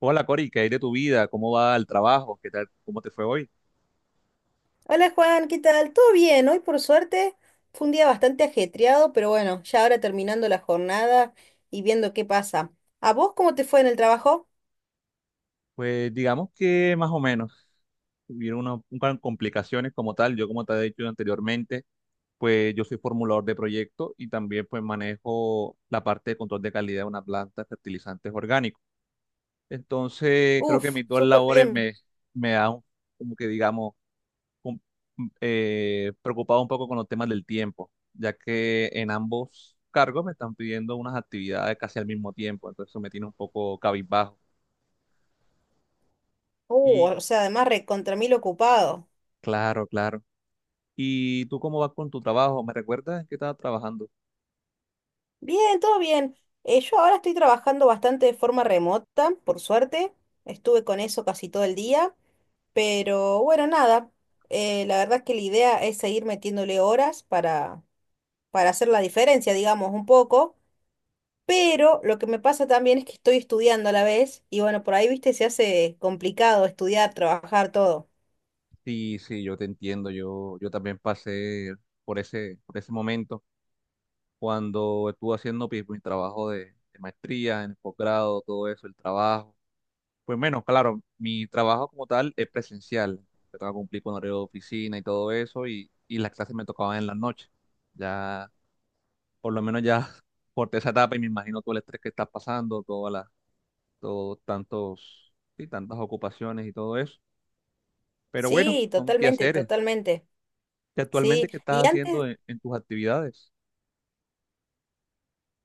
Hola Cori, ¿qué hay de tu vida? ¿Cómo va el trabajo? ¿Qué tal? ¿Cómo te fue hoy? Hola Juan, ¿qué tal? ¿Todo bien? Hoy por suerte fue un día bastante ajetreado, pero bueno, ya ahora terminando la jornada y viendo qué pasa. ¿A vos cómo te fue en el trabajo? Pues digamos que más o menos hubieron unas complicaciones como tal. Yo como te he dicho anteriormente, pues yo soy formulador de proyecto y también pues manejo la parte de control de calidad de una planta de fertilizantes orgánicos. Entonces creo que Uf, mis dos súper labores bien. Me dan como que digamos un- preocupado un poco con los temas del tiempo, ya que en ambos cargos me están pidiendo unas actividades casi al mismo tiempo, entonces eso me tiene un poco cabizbajo. Y O sea, además recontra mil ocupado. claro, claro. ¿Y tú cómo vas con tu trabajo? ¿Me recuerdas en qué estabas trabajando? Bien, todo bien. Yo ahora estoy trabajando bastante de forma remota, por suerte. Estuve con eso casi todo el día, pero bueno, nada. La verdad es que la idea es seguir metiéndole horas para hacer la diferencia, digamos, un poco. Pero lo que me pasa también es que estoy estudiando a la vez y bueno, por ahí, viste, se hace complicado estudiar, trabajar, todo. Sí, sí, yo te entiendo, yo también pasé por ese momento cuando estuve haciendo pues, mi trabajo de maestría, en el posgrado, todo eso, el trabajo. Pues menos, claro, mi trabajo como tal es presencial. Yo tengo que cumplir con horario de oficina y todo eso, y las clases me tocaban en la noche. Ya, por lo menos ya corté esa etapa y me imagino todo el estrés que estás pasando, sí, tantas ocupaciones y todo eso. Pero bueno, Sí, son totalmente, quehaceres. totalmente. ¿Y Sí, actualmente qué y estás haciendo antes, en tus actividades?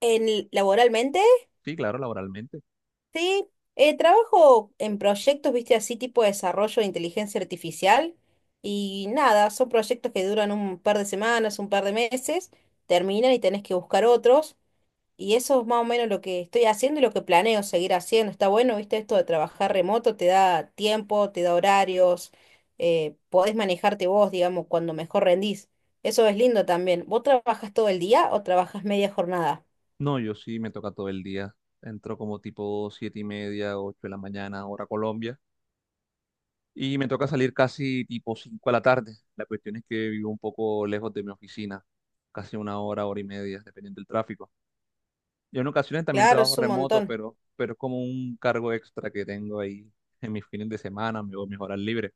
en, laboralmente, Sí, claro, laboralmente. sí, trabajo en proyectos, viste, así tipo de desarrollo de inteligencia artificial y nada, son proyectos que duran un par de semanas, un par de meses, terminan y tenés que buscar otros. Y eso es más o menos lo que estoy haciendo y lo que planeo seguir haciendo. Está bueno, viste, esto de trabajar remoto, te da tiempo, te da horarios, podés manejarte vos, digamos, cuando mejor rendís. Eso es lindo también. ¿Vos trabajas todo el día o trabajas media jornada? No, yo sí me toca todo el día. Entro como tipo siete y media, ocho de la mañana, hora Colombia y me toca salir casi tipo 5 de la tarde. La cuestión es que vivo un poco lejos de mi oficina, casi una hora, hora y media, dependiendo del tráfico. Yo en ocasiones también Claro, trabajo es un remoto, montón. Pero es como un cargo extra que tengo ahí en mis fines de semana, o mis horas libres.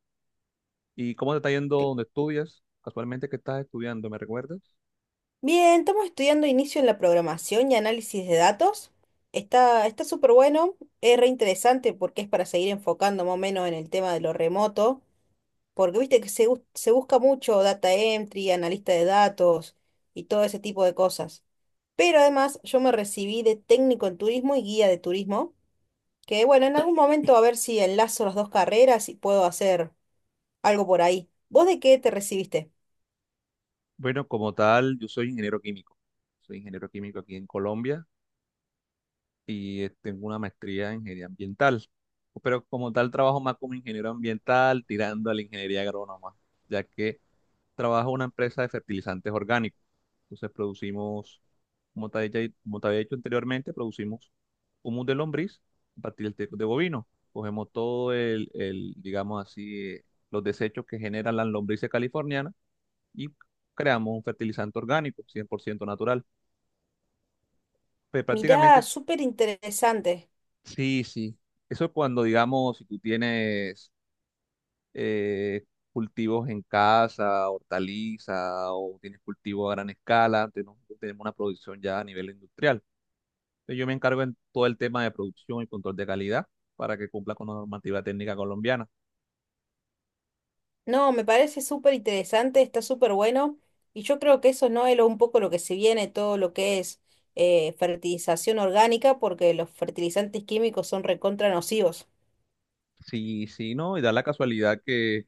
¿Y cómo te está yendo Cl- donde estudias? Casualmente, ¿qué estás estudiando? ¿Me recuerdas? Bien, estamos estudiando inicio en la programación y análisis de datos. Está súper bueno, es re interesante porque es para seguir enfocando más o menos en el tema de lo remoto. Porque viste que se busca mucho data entry, analista de datos y todo ese tipo de cosas. Pero además yo me recibí de técnico en turismo y guía de turismo, que bueno, en algún momento a ver si enlazo las dos carreras y puedo hacer algo por ahí. ¿Vos de qué te recibiste? Bueno, como tal, yo soy ingeniero químico. Soy ingeniero químico aquí en Colombia. Y tengo una maestría en ingeniería ambiental. Pero como tal trabajo más como ingeniero ambiental, tirando a la ingeniería agrónoma, ya que trabajo en una empresa de fertilizantes orgánicos. Entonces producimos, como te había dicho anteriormente, producimos humus de lombriz a partir del teco de bovino. Cogemos todo el, digamos así, los desechos que generan las lombrices californianas y creamos un fertilizante orgánico, 100% natural. Pues Mirá, prácticamente. súper interesante. Sí, sí. Eso es cuando, digamos, si tú tienes eh, cultivos en casa, hortaliza, o tienes cultivo a gran escala, tenemos una producción ya a nivel industrial. Entonces, yo me encargo en todo el tema de producción y control de calidad para que cumpla con la normativa técnica colombiana. No, me parece súper interesante, está súper bueno. Y yo creo que eso no es un poco lo que se viene, todo lo que es fertilización orgánica, porque los fertilizantes químicos son recontra nocivos. Sí, sí, no, y da la casualidad que,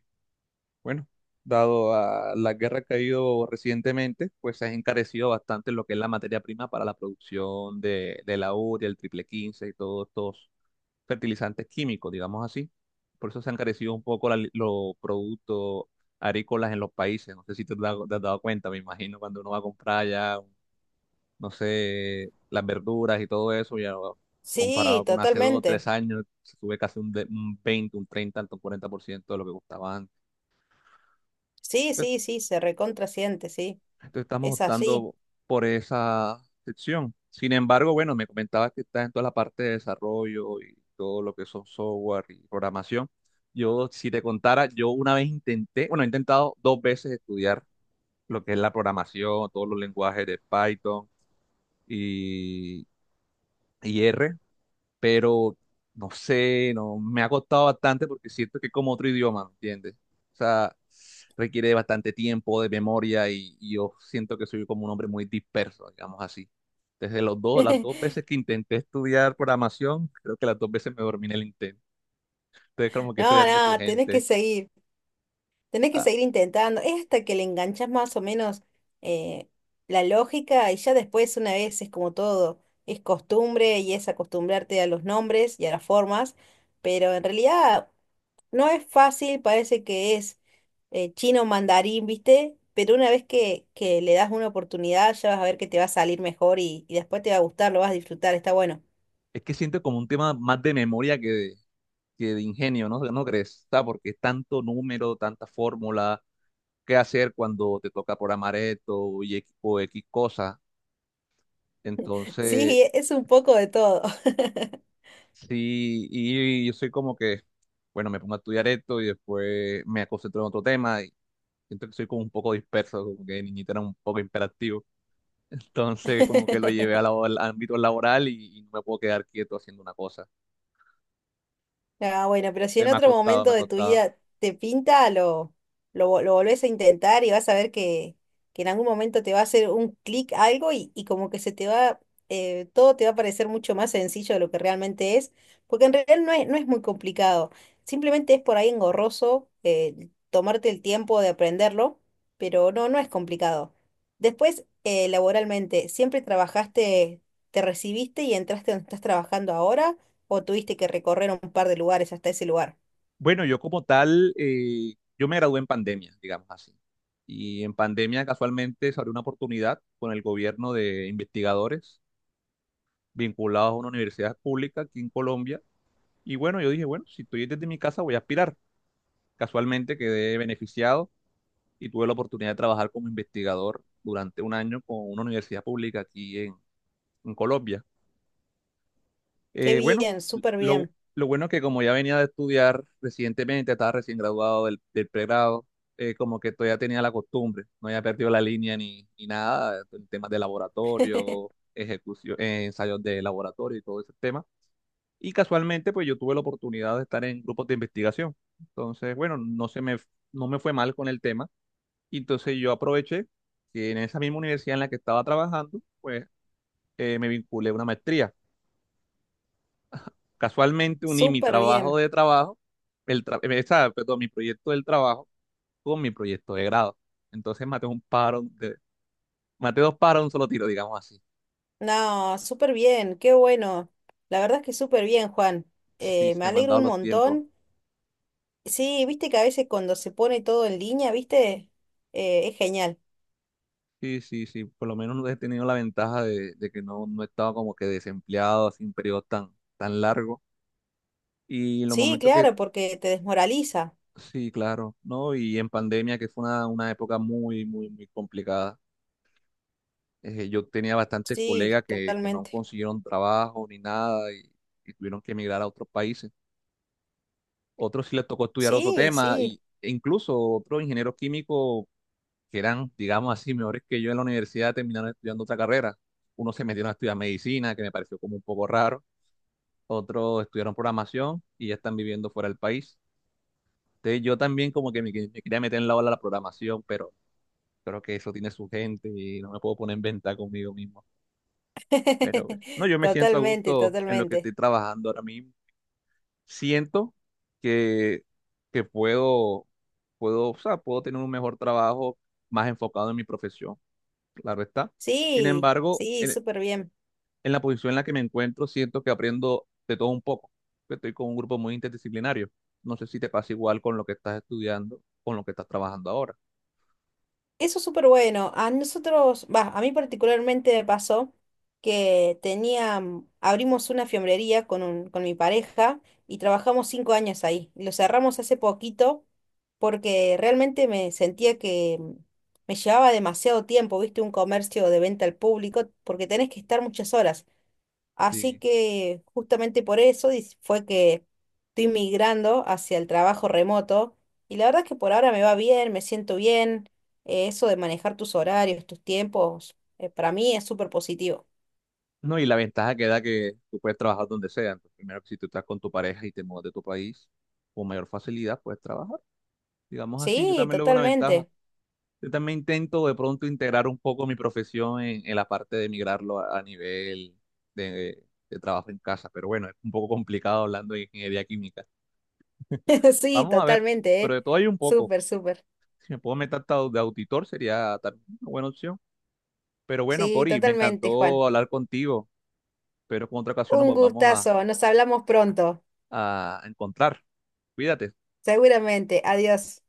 bueno, dado a la guerra que ha habido recientemente, pues se ha encarecido bastante lo que es la materia prima para la producción de la urea, el triple 15 y todos estos fertilizantes químicos, digamos así. Por eso se han carecido un poco los productos agrícolas en los países. No sé si te has dado cuenta, me imagino, cuando uno va a comprar ya, no sé, las verduras y todo eso, ya Sí, comparado con hace dos o tres totalmente. años, se sube un 20, un 30, hasta un 40% de lo que costaba antes. Sí, sí, sí, se recontrasiente, sí. Entonces estamos Es así. optando por esa sección. Sin embargo, bueno, me comentabas que estás en toda la parte de desarrollo y todo lo que son software y programación. Yo, si te contara, yo una vez intenté, bueno, he intentado dos veces estudiar lo que es la programación, todos los lenguajes de Python y, y R, pero no sé, no, me ha costado bastante porque siento que es como otro idioma, ¿me entiendes? O sea, requiere de bastante tiempo, de memoria y yo siento que soy como un hombre muy disperso, digamos así. Desde los dos, las dos veces que intenté estudiar programación, creo que las dos veces me dormí en el intento. Entonces, como que eso ya No, tiene su no, tenés que gente. seguir. Tenés que Ah, seguir intentando. Es hasta que le enganchás más o menos eh, la lógica y ya después, una vez, es como todo. Es costumbre y es acostumbrarte a los nombres y a las formas. Pero en realidad, no es fácil, parece que es chino mandarín, ¿viste? Pero una vez que le das una oportunidad, ya vas a ver que te va a salir mejor y después te va a gustar, lo vas a disfrutar, está bueno. es que siento como un tema más de memoria que de ingenio, ¿no? ¿No crees? Ah, porque es tanto número, tanta fórmula, qué hacer cuando te toca programar esto y o X cosa. Entonces, Sí, es un poco de todo. sí, y yo soy como que, bueno, me pongo a estudiar esto y después me concentro en otro tema y siento que soy como un poco disperso, como que de niñito era un poco imperactivo. Entonces, como que lo llevé a al ámbito laboral y no me puedo quedar quieto haciendo una cosa. Ah, bueno, pero si Entonces, en me ha otro costado, me momento ha de tu costado. vida te pinta, lo volvés a intentar y vas a ver que en algún momento te va a hacer un clic algo y como que se te va, todo te va a parecer mucho más sencillo de lo que realmente es, porque en realidad no es muy complicado, simplemente es por ahí engorroso tomarte el tiempo de aprenderlo, pero no, no es complicado. Después, laboralmente, ¿siempre trabajaste, te recibiste y entraste donde estás trabajando ahora? ¿O tuviste que recorrer un par de lugares hasta ese lugar? Bueno, yo como tal, yo me gradué en pandemia, digamos así. Y en pandemia casualmente se abrió una oportunidad con el gobierno de investigadores vinculados a una universidad pública aquí en Colombia. Y bueno, yo dije, bueno, si estoy desde mi casa voy a aspirar. Casualmente quedé beneficiado y tuve la oportunidad de trabajar como investigador durante un año con una universidad pública aquí en Colombia. Qué Bueno, bien, súper lo, bien, lo bueno es que como ya venía de estudiar recientemente, estaba recién graduado del pregrado, como que todavía tenía la costumbre, no había perdido la línea ni nada, en temas de laboratorio, ejecución, ensayos de laboratorio y todo ese tema. Y casualmente, pues yo tuve la oportunidad de estar en grupos de investigación. Entonces, bueno, no me fue mal con el tema. Y entonces yo aproveché que en esa misma universidad en la que estaba trabajando, pues me vinculé a una maestría. Casualmente uní mi súper trabajo bien. de trabajo, perdón, mi proyecto del trabajo con mi proyecto de grado. Entonces maté dos paros de un solo tiro, digamos así. No, súper bien, qué bueno. La verdad es que súper bien, Juan. Sí, Me se me han alegro dado un los tiempos. montón. Sí, viste que a veces cuando se pone todo en línea, viste, es genial. Sí, sí, sí, por lo menos he tenido la ventaja de que no he estado como que desempleado así un periodo tan, tan largo. Y en los Sí, momentos que, claro, porque te desmoraliza. sí, claro, ¿no? Y en pandemia, que fue una época muy, muy, muy complicada. Yo tenía bastantes Sí, colegas que no totalmente. consiguieron trabajo ni nada y tuvieron que emigrar a otros países. Otros sí les tocó estudiar otro Sí, tema sí. E incluso otros ingenieros químicos que eran, digamos así, mejores que yo en la universidad, terminaron estudiando otra carrera. Unos se metieron a estudiar medicina, que me pareció como un poco raro. Otros estudiaron programación y ya están viviendo fuera del país. Entonces yo también como que me quería meter en la ola de la programación, pero creo que eso tiene su gente y no me puedo poner en venta conmigo mismo. Pero bueno, no, yo me siento a Totalmente, gusto en lo que estoy totalmente. trabajando ahora mismo. Siento que, que puedo, o sea, puedo tener un mejor trabajo más enfocado en mi profesión, claro está. Sin Sí, embargo, sí, súper bien. en la posición en la que me encuentro, siento que aprendo de todo un poco. Estoy con un grupo muy interdisciplinario. No sé si te pasa igual con lo que estás estudiando, con lo que estás trabajando ahora. Eso es súper bueno. A nosotros, va, a mí particularmente me pasó que tenía, abrimos una fiambrería con un, con mi pareja y trabajamos 5 años ahí. Lo cerramos hace poquito porque realmente me sentía que me llevaba demasiado tiempo, viste, un comercio de venta al público, porque tenés que estar muchas horas. Así Sí. que justamente por eso fue que estoy migrando hacia el trabajo remoto y la verdad es que por ahora me va bien, me siento bien. Eso de manejar tus horarios, tus tiempos, para mí es súper positivo. No, y la ventaja queda que tú puedes trabajar donde sea. Entonces, primero, si tú estás con tu pareja y te mudas de tu país, con mayor facilidad puedes trabajar. Digamos así, yo Sí, también lo veo una ventaja. totalmente. Yo también intento de pronto integrar un poco mi profesión en la parte de migrarlo a nivel de, de trabajo en casa, pero bueno, es un poco complicado hablando de ingeniería química. Sí, Vamos a ver, totalmente, pero ¿eh? de todo hay un poco. Súper, súper. Si me puedo meter hasta de auditor sería también una buena opción. Pero bueno, Sí, Cori, me totalmente, Juan. encantó hablar contigo, pero con otra ocasión Un nos vamos gustazo. Nos hablamos pronto. a encontrar. Cuídate. Seguramente. Adiós.